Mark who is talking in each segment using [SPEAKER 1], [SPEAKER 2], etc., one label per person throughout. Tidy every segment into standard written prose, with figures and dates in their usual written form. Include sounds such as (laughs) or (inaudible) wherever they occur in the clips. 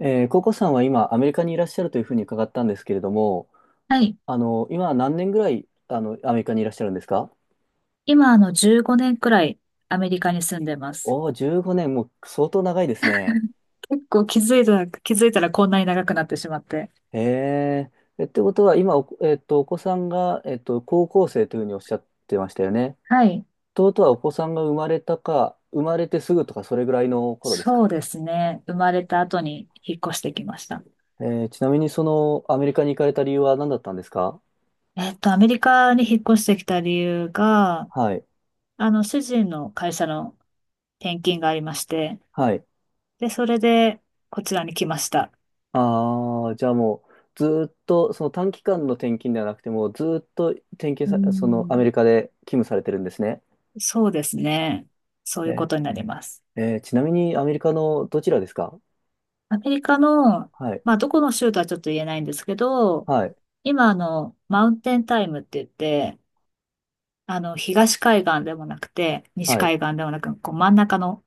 [SPEAKER 1] ココさんは今、アメリカにいらっしゃるというふうに伺ったんですけれども、
[SPEAKER 2] はい。
[SPEAKER 1] 今何年ぐらい、アメリカにいらっしゃるんですか？
[SPEAKER 2] 今、15年くらいアメリカに住んでます。
[SPEAKER 1] おおー、15年、もう相当長いですね。
[SPEAKER 2] 結構気づいたらこんなに長くなってしまって。
[SPEAKER 1] へえ。え、ってことは、今、お子さんが、高校生というふうにおっしゃってましたよね。
[SPEAKER 2] はい。
[SPEAKER 1] ということは、お子さんが生まれたか、生まれてすぐとか、それぐらいの頃です
[SPEAKER 2] そ
[SPEAKER 1] か。
[SPEAKER 2] うですね。生まれた後に引っ越してきました。
[SPEAKER 1] ちなみに、アメリカに行かれた理由は何だったんですか？
[SPEAKER 2] アメリカに引っ越してきた理由が、
[SPEAKER 1] はい。
[SPEAKER 2] 主人の会社の転勤がありまして、
[SPEAKER 1] はい。
[SPEAKER 2] で、それでこちらに来ました。
[SPEAKER 1] ああ、じゃあもう、ずーっと、その短期間の転勤ではなくて、もうずーっと転勤
[SPEAKER 2] う
[SPEAKER 1] さ、そのアメ
[SPEAKER 2] ん、
[SPEAKER 1] リカで勤務されてるんですね。
[SPEAKER 2] そうですね。そういうこ
[SPEAKER 1] え、
[SPEAKER 2] とになります。
[SPEAKER 1] えーちなみにアメリカのどちらですか？
[SPEAKER 2] アメリカの、
[SPEAKER 1] はい、
[SPEAKER 2] まあ、どこの州とはちょっと言えないんですけど、
[SPEAKER 1] はい、
[SPEAKER 2] 今、マウンテンタイムって言って、東海岸でもなくて、西
[SPEAKER 1] はい。
[SPEAKER 2] 海岸でもなく、こう、真ん中の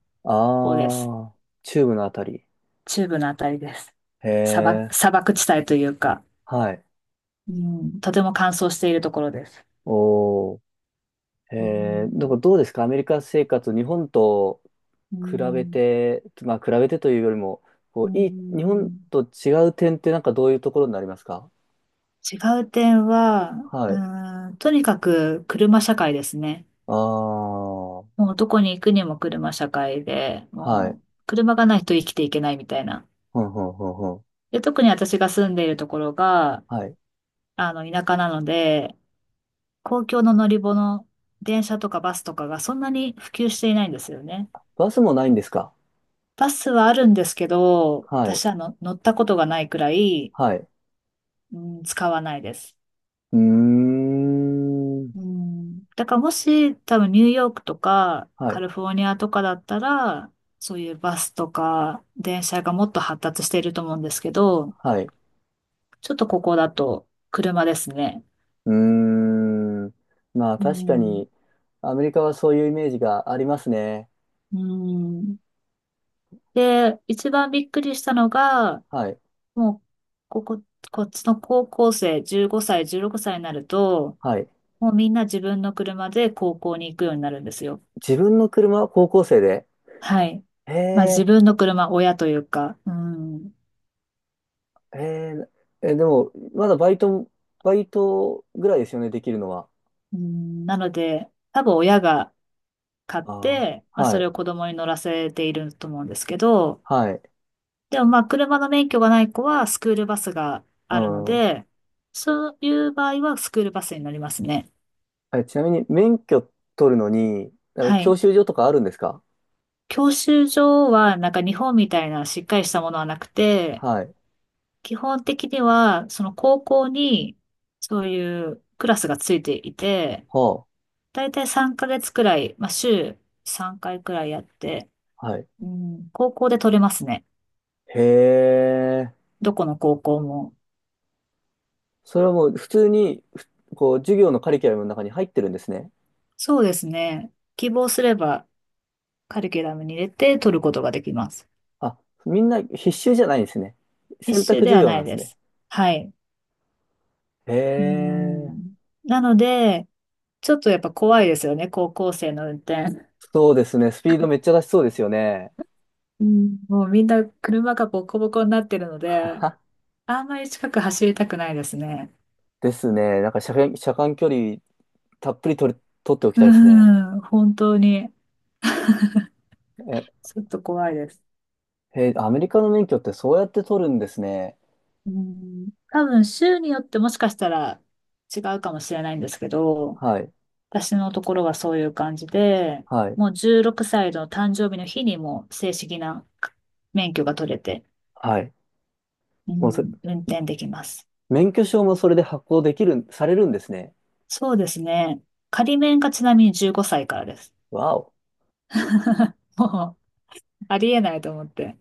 [SPEAKER 2] 方です。
[SPEAKER 1] ああ、中部のあたり。
[SPEAKER 2] 中部のあたりです。
[SPEAKER 1] へえ、
[SPEAKER 2] 砂漠地帯というか、
[SPEAKER 1] はい。
[SPEAKER 2] うん、とても乾燥しているところです。
[SPEAKER 1] おー、へ
[SPEAKER 2] う
[SPEAKER 1] え。なん
[SPEAKER 2] ん、
[SPEAKER 1] かどうですかアメリカ生活、日本と
[SPEAKER 2] う
[SPEAKER 1] 比べ
[SPEAKER 2] ん、
[SPEAKER 1] て、まあ比べてというよりも、
[SPEAKER 2] う
[SPEAKER 1] こう、日本
[SPEAKER 2] ん、
[SPEAKER 1] と違う点ってなんかどういうところになりますか？
[SPEAKER 2] 違う点は、
[SPEAKER 1] はい。
[SPEAKER 2] うん、とにかく車社会ですね。
[SPEAKER 1] ああ。
[SPEAKER 2] もうどこに行くにも車社会で、
[SPEAKER 1] は
[SPEAKER 2] も
[SPEAKER 1] い。
[SPEAKER 2] う車がないと生きていけないみたいな。
[SPEAKER 1] ほんほんほんほん。
[SPEAKER 2] で、特に私が住んでいるところが、
[SPEAKER 1] はい。
[SPEAKER 2] 田舎なので、公共の乗り物、電車とかバスとかがそんなに普及していないんですよね。
[SPEAKER 1] バスもないんですか？
[SPEAKER 2] バスはあるんですけど、
[SPEAKER 1] はい。
[SPEAKER 2] 私はの乗ったことがないくらい、
[SPEAKER 1] はい。
[SPEAKER 2] うん、使わないです。
[SPEAKER 1] うーん。
[SPEAKER 2] うん、だからもし多分ニューヨークとか
[SPEAKER 1] は
[SPEAKER 2] カ
[SPEAKER 1] い。
[SPEAKER 2] リフォルニアとかだったら、そういうバスとか電車がもっと発達していると思うんですけど、
[SPEAKER 1] はい。
[SPEAKER 2] ちょっとここだと車ですね。
[SPEAKER 1] うーん。まあ
[SPEAKER 2] う
[SPEAKER 1] 確か
[SPEAKER 2] ん。
[SPEAKER 1] に、アメリカはそういうイメージがありますね。
[SPEAKER 2] うん。で、一番びっくりしたのが、
[SPEAKER 1] はい。
[SPEAKER 2] もう、ここ、こっちの高校生、15歳、16歳になると、
[SPEAKER 1] はい。
[SPEAKER 2] もうみんな自分の車で高校に行くようになるんですよ。
[SPEAKER 1] 自分の車は高校生で。
[SPEAKER 2] はい。
[SPEAKER 1] え
[SPEAKER 2] まあ自
[SPEAKER 1] え、
[SPEAKER 2] 分の車、親というか、うん。
[SPEAKER 1] ええ、え、でも、まだバイトぐらいですよね、できるのは。
[SPEAKER 2] うん、なので、多分親が買っ
[SPEAKER 1] あ
[SPEAKER 2] て、
[SPEAKER 1] あ。
[SPEAKER 2] まあ
[SPEAKER 1] は
[SPEAKER 2] それ
[SPEAKER 1] い。
[SPEAKER 2] を子供に乗らせていると思うんですけど、
[SPEAKER 1] はい。
[SPEAKER 2] でもまあ、車の免許がない子はスクールバスが
[SPEAKER 1] う
[SPEAKER 2] あるの
[SPEAKER 1] ん。
[SPEAKER 2] で、そういう場合はスクールバスに乗りますね。
[SPEAKER 1] え、ちなみに免許取るのに、
[SPEAKER 2] は
[SPEAKER 1] 教
[SPEAKER 2] い。
[SPEAKER 1] 習所とかあるんですか？
[SPEAKER 2] 教習所はなんか日本みたいなしっかりしたものはなくて、
[SPEAKER 1] はい。
[SPEAKER 2] 基本的にはその高校にそういうクラスがついていて、
[SPEAKER 1] は
[SPEAKER 2] だいたい3ヶ月くらい、まあ週3回くらいやって、
[SPEAKER 1] あ。はい。
[SPEAKER 2] うん、高校で取れますね。
[SPEAKER 1] へえ。
[SPEAKER 2] どこの高校も。
[SPEAKER 1] それはもう普通に、こう、授業のカリキュラムの中に入ってるんですね。
[SPEAKER 2] そうですね。希望すればカリキュラムに入れて取ることができます。
[SPEAKER 1] あ、みんな必修じゃないんですね。
[SPEAKER 2] 必
[SPEAKER 1] 選
[SPEAKER 2] 修
[SPEAKER 1] 択
[SPEAKER 2] で
[SPEAKER 1] 授
[SPEAKER 2] は
[SPEAKER 1] 業
[SPEAKER 2] な
[SPEAKER 1] なん
[SPEAKER 2] い
[SPEAKER 1] です
[SPEAKER 2] で
[SPEAKER 1] ね。
[SPEAKER 2] す。はい。
[SPEAKER 1] へ
[SPEAKER 2] う
[SPEAKER 1] え。
[SPEAKER 2] ん。なので、ちょっとやっぱ怖いですよね、高校生の運転。
[SPEAKER 1] そうですね。スピードめっちゃ出しそうですよね。
[SPEAKER 2] うん。もうみんな車がボコボコになってるので、
[SPEAKER 1] (laughs)
[SPEAKER 2] あんまり近く走りたくないですね。
[SPEAKER 1] ですね。なんか車間距離たっぷり取っておき
[SPEAKER 2] う
[SPEAKER 1] たいですね。
[SPEAKER 2] ん、本当に。
[SPEAKER 1] え、
[SPEAKER 2] ちょっと怖いです。
[SPEAKER 1] へー。アメリカの免許ってそうやって取るんですね。
[SPEAKER 2] うん。多分、州によってもしかしたら違うかもしれないんですけど、
[SPEAKER 1] はい。
[SPEAKER 2] 私のところはそういう感じで、
[SPEAKER 1] はい。
[SPEAKER 2] もう16歳の誕生日の日にもう正式な免許が取れて、
[SPEAKER 1] はい。
[SPEAKER 2] う
[SPEAKER 1] もうそ、
[SPEAKER 2] ん、運転できます。
[SPEAKER 1] 免許証もそれで発行できる、されるんですね。
[SPEAKER 2] そうですね。仮免がちなみに15歳からです。
[SPEAKER 1] わお。
[SPEAKER 2] (laughs) もう、ありえないと思って。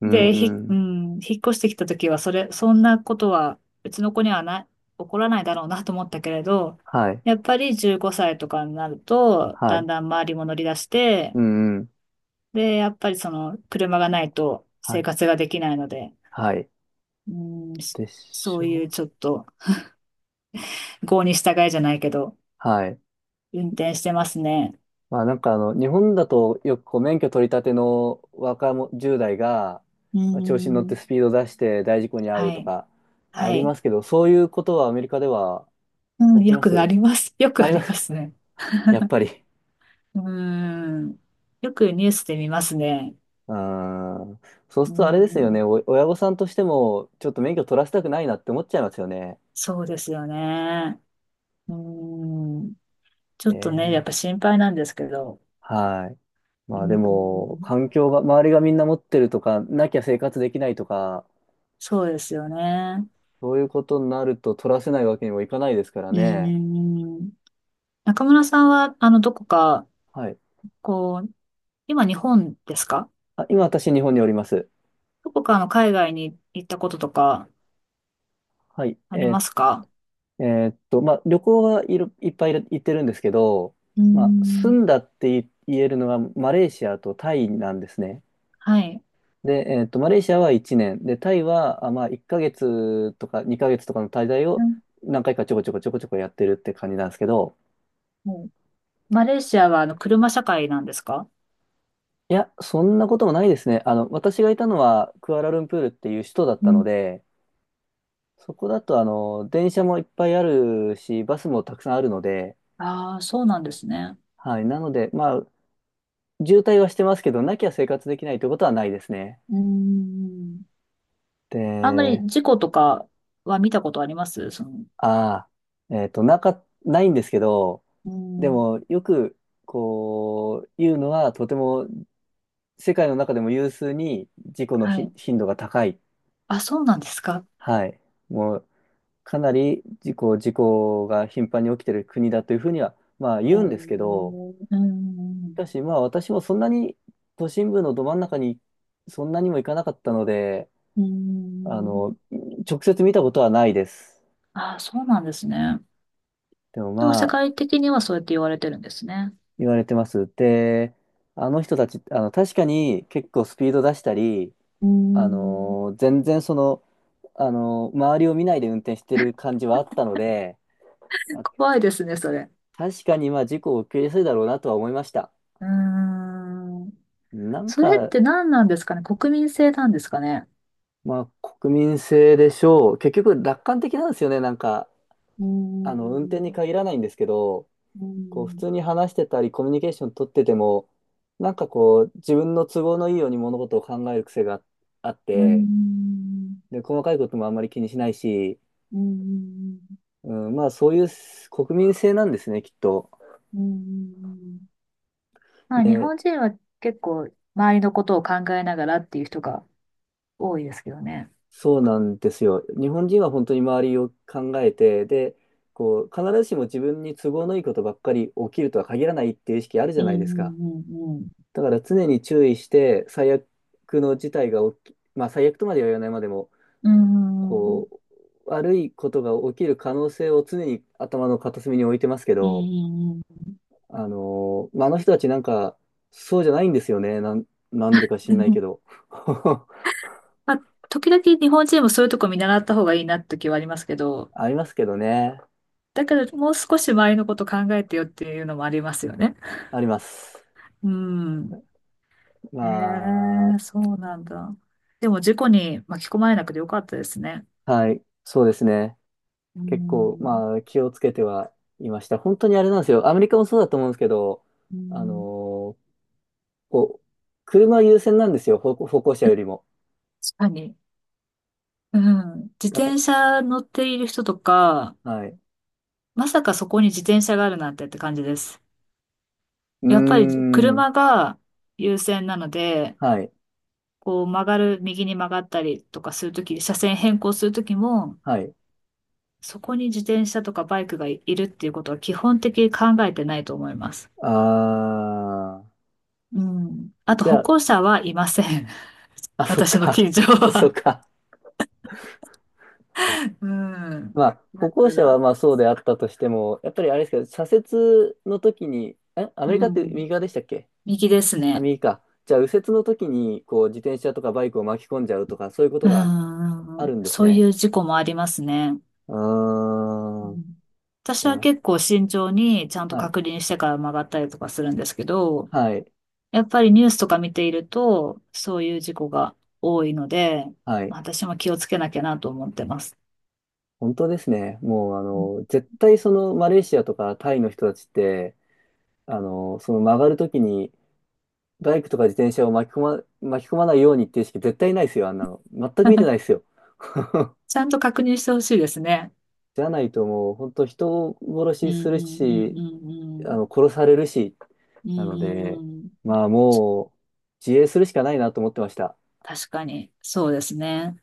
[SPEAKER 1] うー
[SPEAKER 2] で、ひ、う
[SPEAKER 1] ん。
[SPEAKER 2] ん、引っ越してきた時は、そんなことは、うちの子にはない、起こらないだろうなと思ったけれど、
[SPEAKER 1] はい。
[SPEAKER 2] やっぱり15歳とかになると、
[SPEAKER 1] は
[SPEAKER 2] だん
[SPEAKER 1] い。
[SPEAKER 2] だん周りも乗り出して、
[SPEAKER 1] うん、うん。
[SPEAKER 2] で、やっぱり車がないと
[SPEAKER 1] は
[SPEAKER 2] 生
[SPEAKER 1] い。
[SPEAKER 2] 活ができないので、
[SPEAKER 1] はい。
[SPEAKER 2] うん、
[SPEAKER 1] で
[SPEAKER 2] そ
[SPEAKER 1] し
[SPEAKER 2] ういう
[SPEAKER 1] ょ。
[SPEAKER 2] ちょっと、郷に従えじゃないけど、
[SPEAKER 1] はい。
[SPEAKER 2] 運転してますね。
[SPEAKER 1] まあなんか日本だとよくこう免許取り立ての若者、10代が、
[SPEAKER 2] う
[SPEAKER 1] まあ調子に乗って
[SPEAKER 2] ん
[SPEAKER 1] スピード出して大事故に遭う
[SPEAKER 2] は
[SPEAKER 1] と
[SPEAKER 2] い。
[SPEAKER 1] かあ
[SPEAKER 2] は
[SPEAKER 1] り
[SPEAKER 2] い。
[SPEAKER 1] ますけど、そういうことはアメリカでは
[SPEAKER 2] うん、
[SPEAKER 1] 起き
[SPEAKER 2] よ
[SPEAKER 1] ま
[SPEAKER 2] くあ
[SPEAKER 1] す？
[SPEAKER 2] ります。(laughs) よく
[SPEAKER 1] あ
[SPEAKER 2] あ
[SPEAKER 1] りま
[SPEAKER 2] りま
[SPEAKER 1] す。
[SPEAKER 2] すね。
[SPEAKER 1] (laughs) やっぱり。
[SPEAKER 2] うん。よくニュースで見ますね。
[SPEAKER 1] うーん。そう
[SPEAKER 2] う
[SPEAKER 1] するとあれですよ
[SPEAKER 2] ん。
[SPEAKER 1] ね。親御さんとしても、ちょっと免許取らせたくないなって思っちゃいますよね。
[SPEAKER 2] そうですよね。うん。ちょっとね、やっ
[SPEAKER 1] え
[SPEAKER 2] ぱ
[SPEAKER 1] え。
[SPEAKER 2] 心配なんですけど。
[SPEAKER 1] はい。
[SPEAKER 2] う
[SPEAKER 1] まあでも、
[SPEAKER 2] ん。
[SPEAKER 1] 環境が、周りがみんな持ってるとか、なきゃ生活できないとか、
[SPEAKER 2] そうですよね。
[SPEAKER 1] そういうことになると取らせないわけにもいかないですから
[SPEAKER 2] う
[SPEAKER 1] ね。
[SPEAKER 2] ん。中村さんは、どこか、
[SPEAKER 1] はい。
[SPEAKER 2] こう、今日本ですか？
[SPEAKER 1] あ、今私日本におります。
[SPEAKER 2] どこかの海外に行ったこととか
[SPEAKER 1] はい。
[SPEAKER 2] ありますか？
[SPEAKER 1] えまあ旅行はいっぱい行ってるんですけど、
[SPEAKER 2] う
[SPEAKER 1] まあ住
[SPEAKER 2] ん。
[SPEAKER 1] んだって言えるのがマレーシアとタイなんですね。
[SPEAKER 2] はい。
[SPEAKER 1] で、マレーシアは1年、で、タイは、まあ1ヶ月とか2ヶ月とかの滞在
[SPEAKER 2] う
[SPEAKER 1] を
[SPEAKER 2] ん
[SPEAKER 1] 何回かちょこちょこちょこちょこやってるって感じなんですけど、
[SPEAKER 2] マレーシアは車社会なんですか？
[SPEAKER 1] いや、そんなこともないですね。私がいたのはクアラルンプールっていう首都だっ
[SPEAKER 2] う
[SPEAKER 1] たの
[SPEAKER 2] ん。
[SPEAKER 1] で、そこだと電車もいっぱいあるし、バスもたくさんあるので、
[SPEAKER 2] ああそうなんですね。
[SPEAKER 1] はい。なので、まあ、渋滞はしてますけど、なきゃ生活できないということはないですね。
[SPEAKER 2] うーん。あんま
[SPEAKER 1] で、
[SPEAKER 2] り事故とかは見たことありますその、
[SPEAKER 1] ああ、ないんですけど、
[SPEAKER 2] うー
[SPEAKER 1] で
[SPEAKER 2] ん。
[SPEAKER 1] も、よく、こう、言うのは、とても、世界の中でも有数に事故の
[SPEAKER 2] はい。
[SPEAKER 1] 頻度が高い。
[SPEAKER 2] あ、そうなんですか。
[SPEAKER 1] はい。もう、かなり事故が頻繁に起きてる国だというふうには、まあ言うんですけど、
[SPEAKER 2] うー
[SPEAKER 1] し
[SPEAKER 2] ん。
[SPEAKER 1] かしまあ私もそんなに都心部のど真ん中にそんなにも行かなかったので、
[SPEAKER 2] うー
[SPEAKER 1] あ
[SPEAKER 2] ん。
[SPEAKER 1] の、直接見たことはないです。
[SPEAKER 2] ああ、そうなんですね。
[SPEAKER 1] でも
[SPEAKER 2] でも
[SPEAKER 1] ま
[SPEAKER 2] 世
[SPEAKER 1] あ
[SPEAKER 2] 界的にはそうやって言われてるんですね。
[SPEAKER 1] 言われてます。で、あの人たち、確かに結構スピード出したり、
[SPEAKER 2] うーん。
[SPEAKER 1] 全然周りを見ないで運転してる感じはあったので、まあ
[SPEAKER 2] 怖いですね、それ。
[SPEAKER 1] 確かにまあ事故を起きやすいだろうなとは思いました。
[SPEAKER 2] うーん。
[SPEAKER 1] なん
[SPEAKER 2] それっ
[SPEAKER 1] か、
[SPEAKER 2] て何なんですかね。国民性なんですかね。
[SPEAKER 1] まあ、国民性でしょう。結局、楽観的なんですよね。なんか、
[SPEAKER 2] うー
[SPEAKER 1] 運転に
[SPEAKER 2] ん。
[SPEAKER 1] 限らないんですけど、
[SPEAKER 2] うー
[SPEAKER 1] こう、普通
[SPEAKER 2] ん
[SPEAKER 1] に話してたり、コミュニケーション取ってても、なんかこう、自分の都合のいいように物事を考える癖があっ
[SPEAKER 2] う
[SPEAKER 1] て、
[SPEAKER 2] ん、
[SPEAKER 1] で、細かいこともあんまり気にしないし、
[SPEAKER 2] うん、
[SPEAKER 1] うん、まあ、そういう国民性なんですね、きっと。
[SPEAKER 2] うん、うん。まあ、日
[SPEAKER 1] で、
[SPEAKER 2] 本人は結構、周りのことを考えながらっていう人が多いですけどね。
[SPEAKER 1] そうなんですよ。日本人は本当に周りを考えて、で、こう、必ずしも自分に都合のいいことばっかり起きるとは限らないっていう意識あるじ
[SPEAKER 2] う
[SPEAKER 1] ゃないです
[SPEAKER 2] ん
[SPEAKER 1] か。
[SPEAKER 2] うん
[SPEAKER 1] だから常に注意して、最悪の事態が起き、まあ最悪とまでは言わないまでも、
[SPEAKER 2] うんうん。うん。
[SPEAKER 1] こう、悪いことが起きる可能性を常に頭の片隅に置いてますけ
[SPEAKER 2] うん
[SPEAKER 1] ど、
[SPEAKER 2] うんう
[SPEAKER 1] まあ、あの人たちなんか、そうじゃないんですよね。なんでか知んない
[SPEAKER 2] ん
[SPEAKER 1] けど。(laughs)
[SPEAKER 2] まあ、時々日本人もそういうとこ見習った方がいいなって時はありますけど、
[SPEAKER 1] ありますけどね。
[SPEAKER 2] だけどもう少し周りのこと考えてよっていうのもありますよね。
[SPEAKER 1] あります。
[SPEAKER 2] うん。へ
[SPEAKER 1] ま
[SPEAKER 2] え、そうなんだ。でも事故に巻き込まれなくてよかったですね。
[SPEAKER 1] あ、はい、そうですね。
[SPEAKER 2] う
[SPEAKER 1] 結構、
[SPEAKER 2] ん。
[SPEAKER 1] まあ、気をつけてはいました。本当にあれなんですよ。アメリカもそうだと思うんですけど、
[SPEAKER 2] う
[SPEAKER 1] あの
[SPEAKER 2] ん
[SPEAKER 1] ーこう、車優先なんですよ、歩行者よりも。
[SPEAKER 2] 確かに。うん。自
[SPEAKER 1] だか
[SPEAKER 2] 転車乗っている人とか、
[SPEAKER 1] ら、はい。
[SPEAKER 2] まさかそこに自転車があるなんてって感じです。
[SPEAKER 1] うー
[SPEAKER 2] やっぱり
[SPEAKER 1] ん。
[SPEAKER 2] 車が優先なので、
[SPEAKER 1] はい。
[SPEAKER 2] こう曲がる、右に曲がったりとかするとき、車線変更するときも、
[SPEAKER 1] はい。
[SPEAKER 2] そこに自転車とかバイクがいるっていうことは基本的に考えてないと思います。
[SPEAKER 1] あー。
[SPEAKER 2] うん。あと
[SPEAKER 1] じゃ
[SPEAKER 2] 歩
[SPEAKER 1] あ、
[SPEAKER 2] 行者はいません。(laughs)
[SPEAKER 1] あ、そっ
[SPEAKER 2] 私の
[SPEAKER 1] か。
[SPEAKER 2] 近所
[SPEAKER 1] (laughs) そっ
[SPEAKER 2] は。
[SPEAKER 1] か。
[SPEAKER 2] うん。
[SPEAKER 1] まあ、歩
[SPEAKER 2] だか
[SPEAKER 1] 行者は
[SPEAKER 2] ら、
[SPEAKER 1] まあそうであったとしても、やっぱりあれですけど、左折の時に、アメリ
[SPEAKER 2] う
[SPEAKER 1] カって
[SPEAKER 2] ん。
[SPEAKER 1] 右側でしたっけ？
[SPEAKER 2] 右です
[SPEAKER 1] あ、
[SPEAKER 2] ね。
[SPEAKER 1] 右か。じゃあ、右折の時に、こう、自転車とかバイクを巻き込んじゃうとか、そういうこと
[SPEAKER 2] う
[SPEAKER 1] があ
[SPEAKER 2] ん。
[SPEAKER 1] るんです
[SPEAKER 2] そうい
[SPEAKER 1] ね。
[SPEAKER 2] う事故もありますね。
[SPEAKER 1] う
[SPEAKER 2] う
[SPEAKER 1] ーん。
[SPEAKER 2] ん私は結構慎重にちゃんと
[SPEAKER 1] はい。
[SPEAKER 2] 確認してから曲がったりとかするんですけど、
[SPEAKER 1] はい。
[SPEAKER 2] やっぱりニュースとか見ていると、そういう事故が多いので、
[SPEAKER 1] は
[SPEAKER 2] ま
[SPEAKER 1] い。
[SPEAKER 2] あ、私も気をつけなきゃなと思ってます。
[SPEAKER 1] 本当ですね。もう、
[SPEAKER 2] うん
[SPEAKER 1] 絶対そのマレーシアとかタイの人たちって、その曲がるときにバイクとか自転車を巻き込まないようにっていう意識絶対ないですよ、あんなの。全く見てな
[SPEAKER 2] (laughs)
[SPEAKER 1] いですよ。(laughs)
[SPEAKER 2] ちゃんと確認してほしいですね。
[SPEAKER 1] じゃないともう、本当人を
[SPEAKER 2] う
[SPEAKER 1] 殺し
[SPEAKER 2] ん
[SPEAKER 1] す
[SPEAKER 2] う
[SPEAKER 1] る
[SPEAKER 2] んうん
[SPEAKER 1] し、
[SPEAKER 2] うんうん。
[SPEAKER 1] 殺されるし、
[SPEAKER 2] うん
[SPEAKER 1] なので、
[SPEAKER 2] うんうん。
[SPEAKER 1] まあもう、自衛するしかないなと思ってました。
[SPEAKER 2] 確かに、そうですね。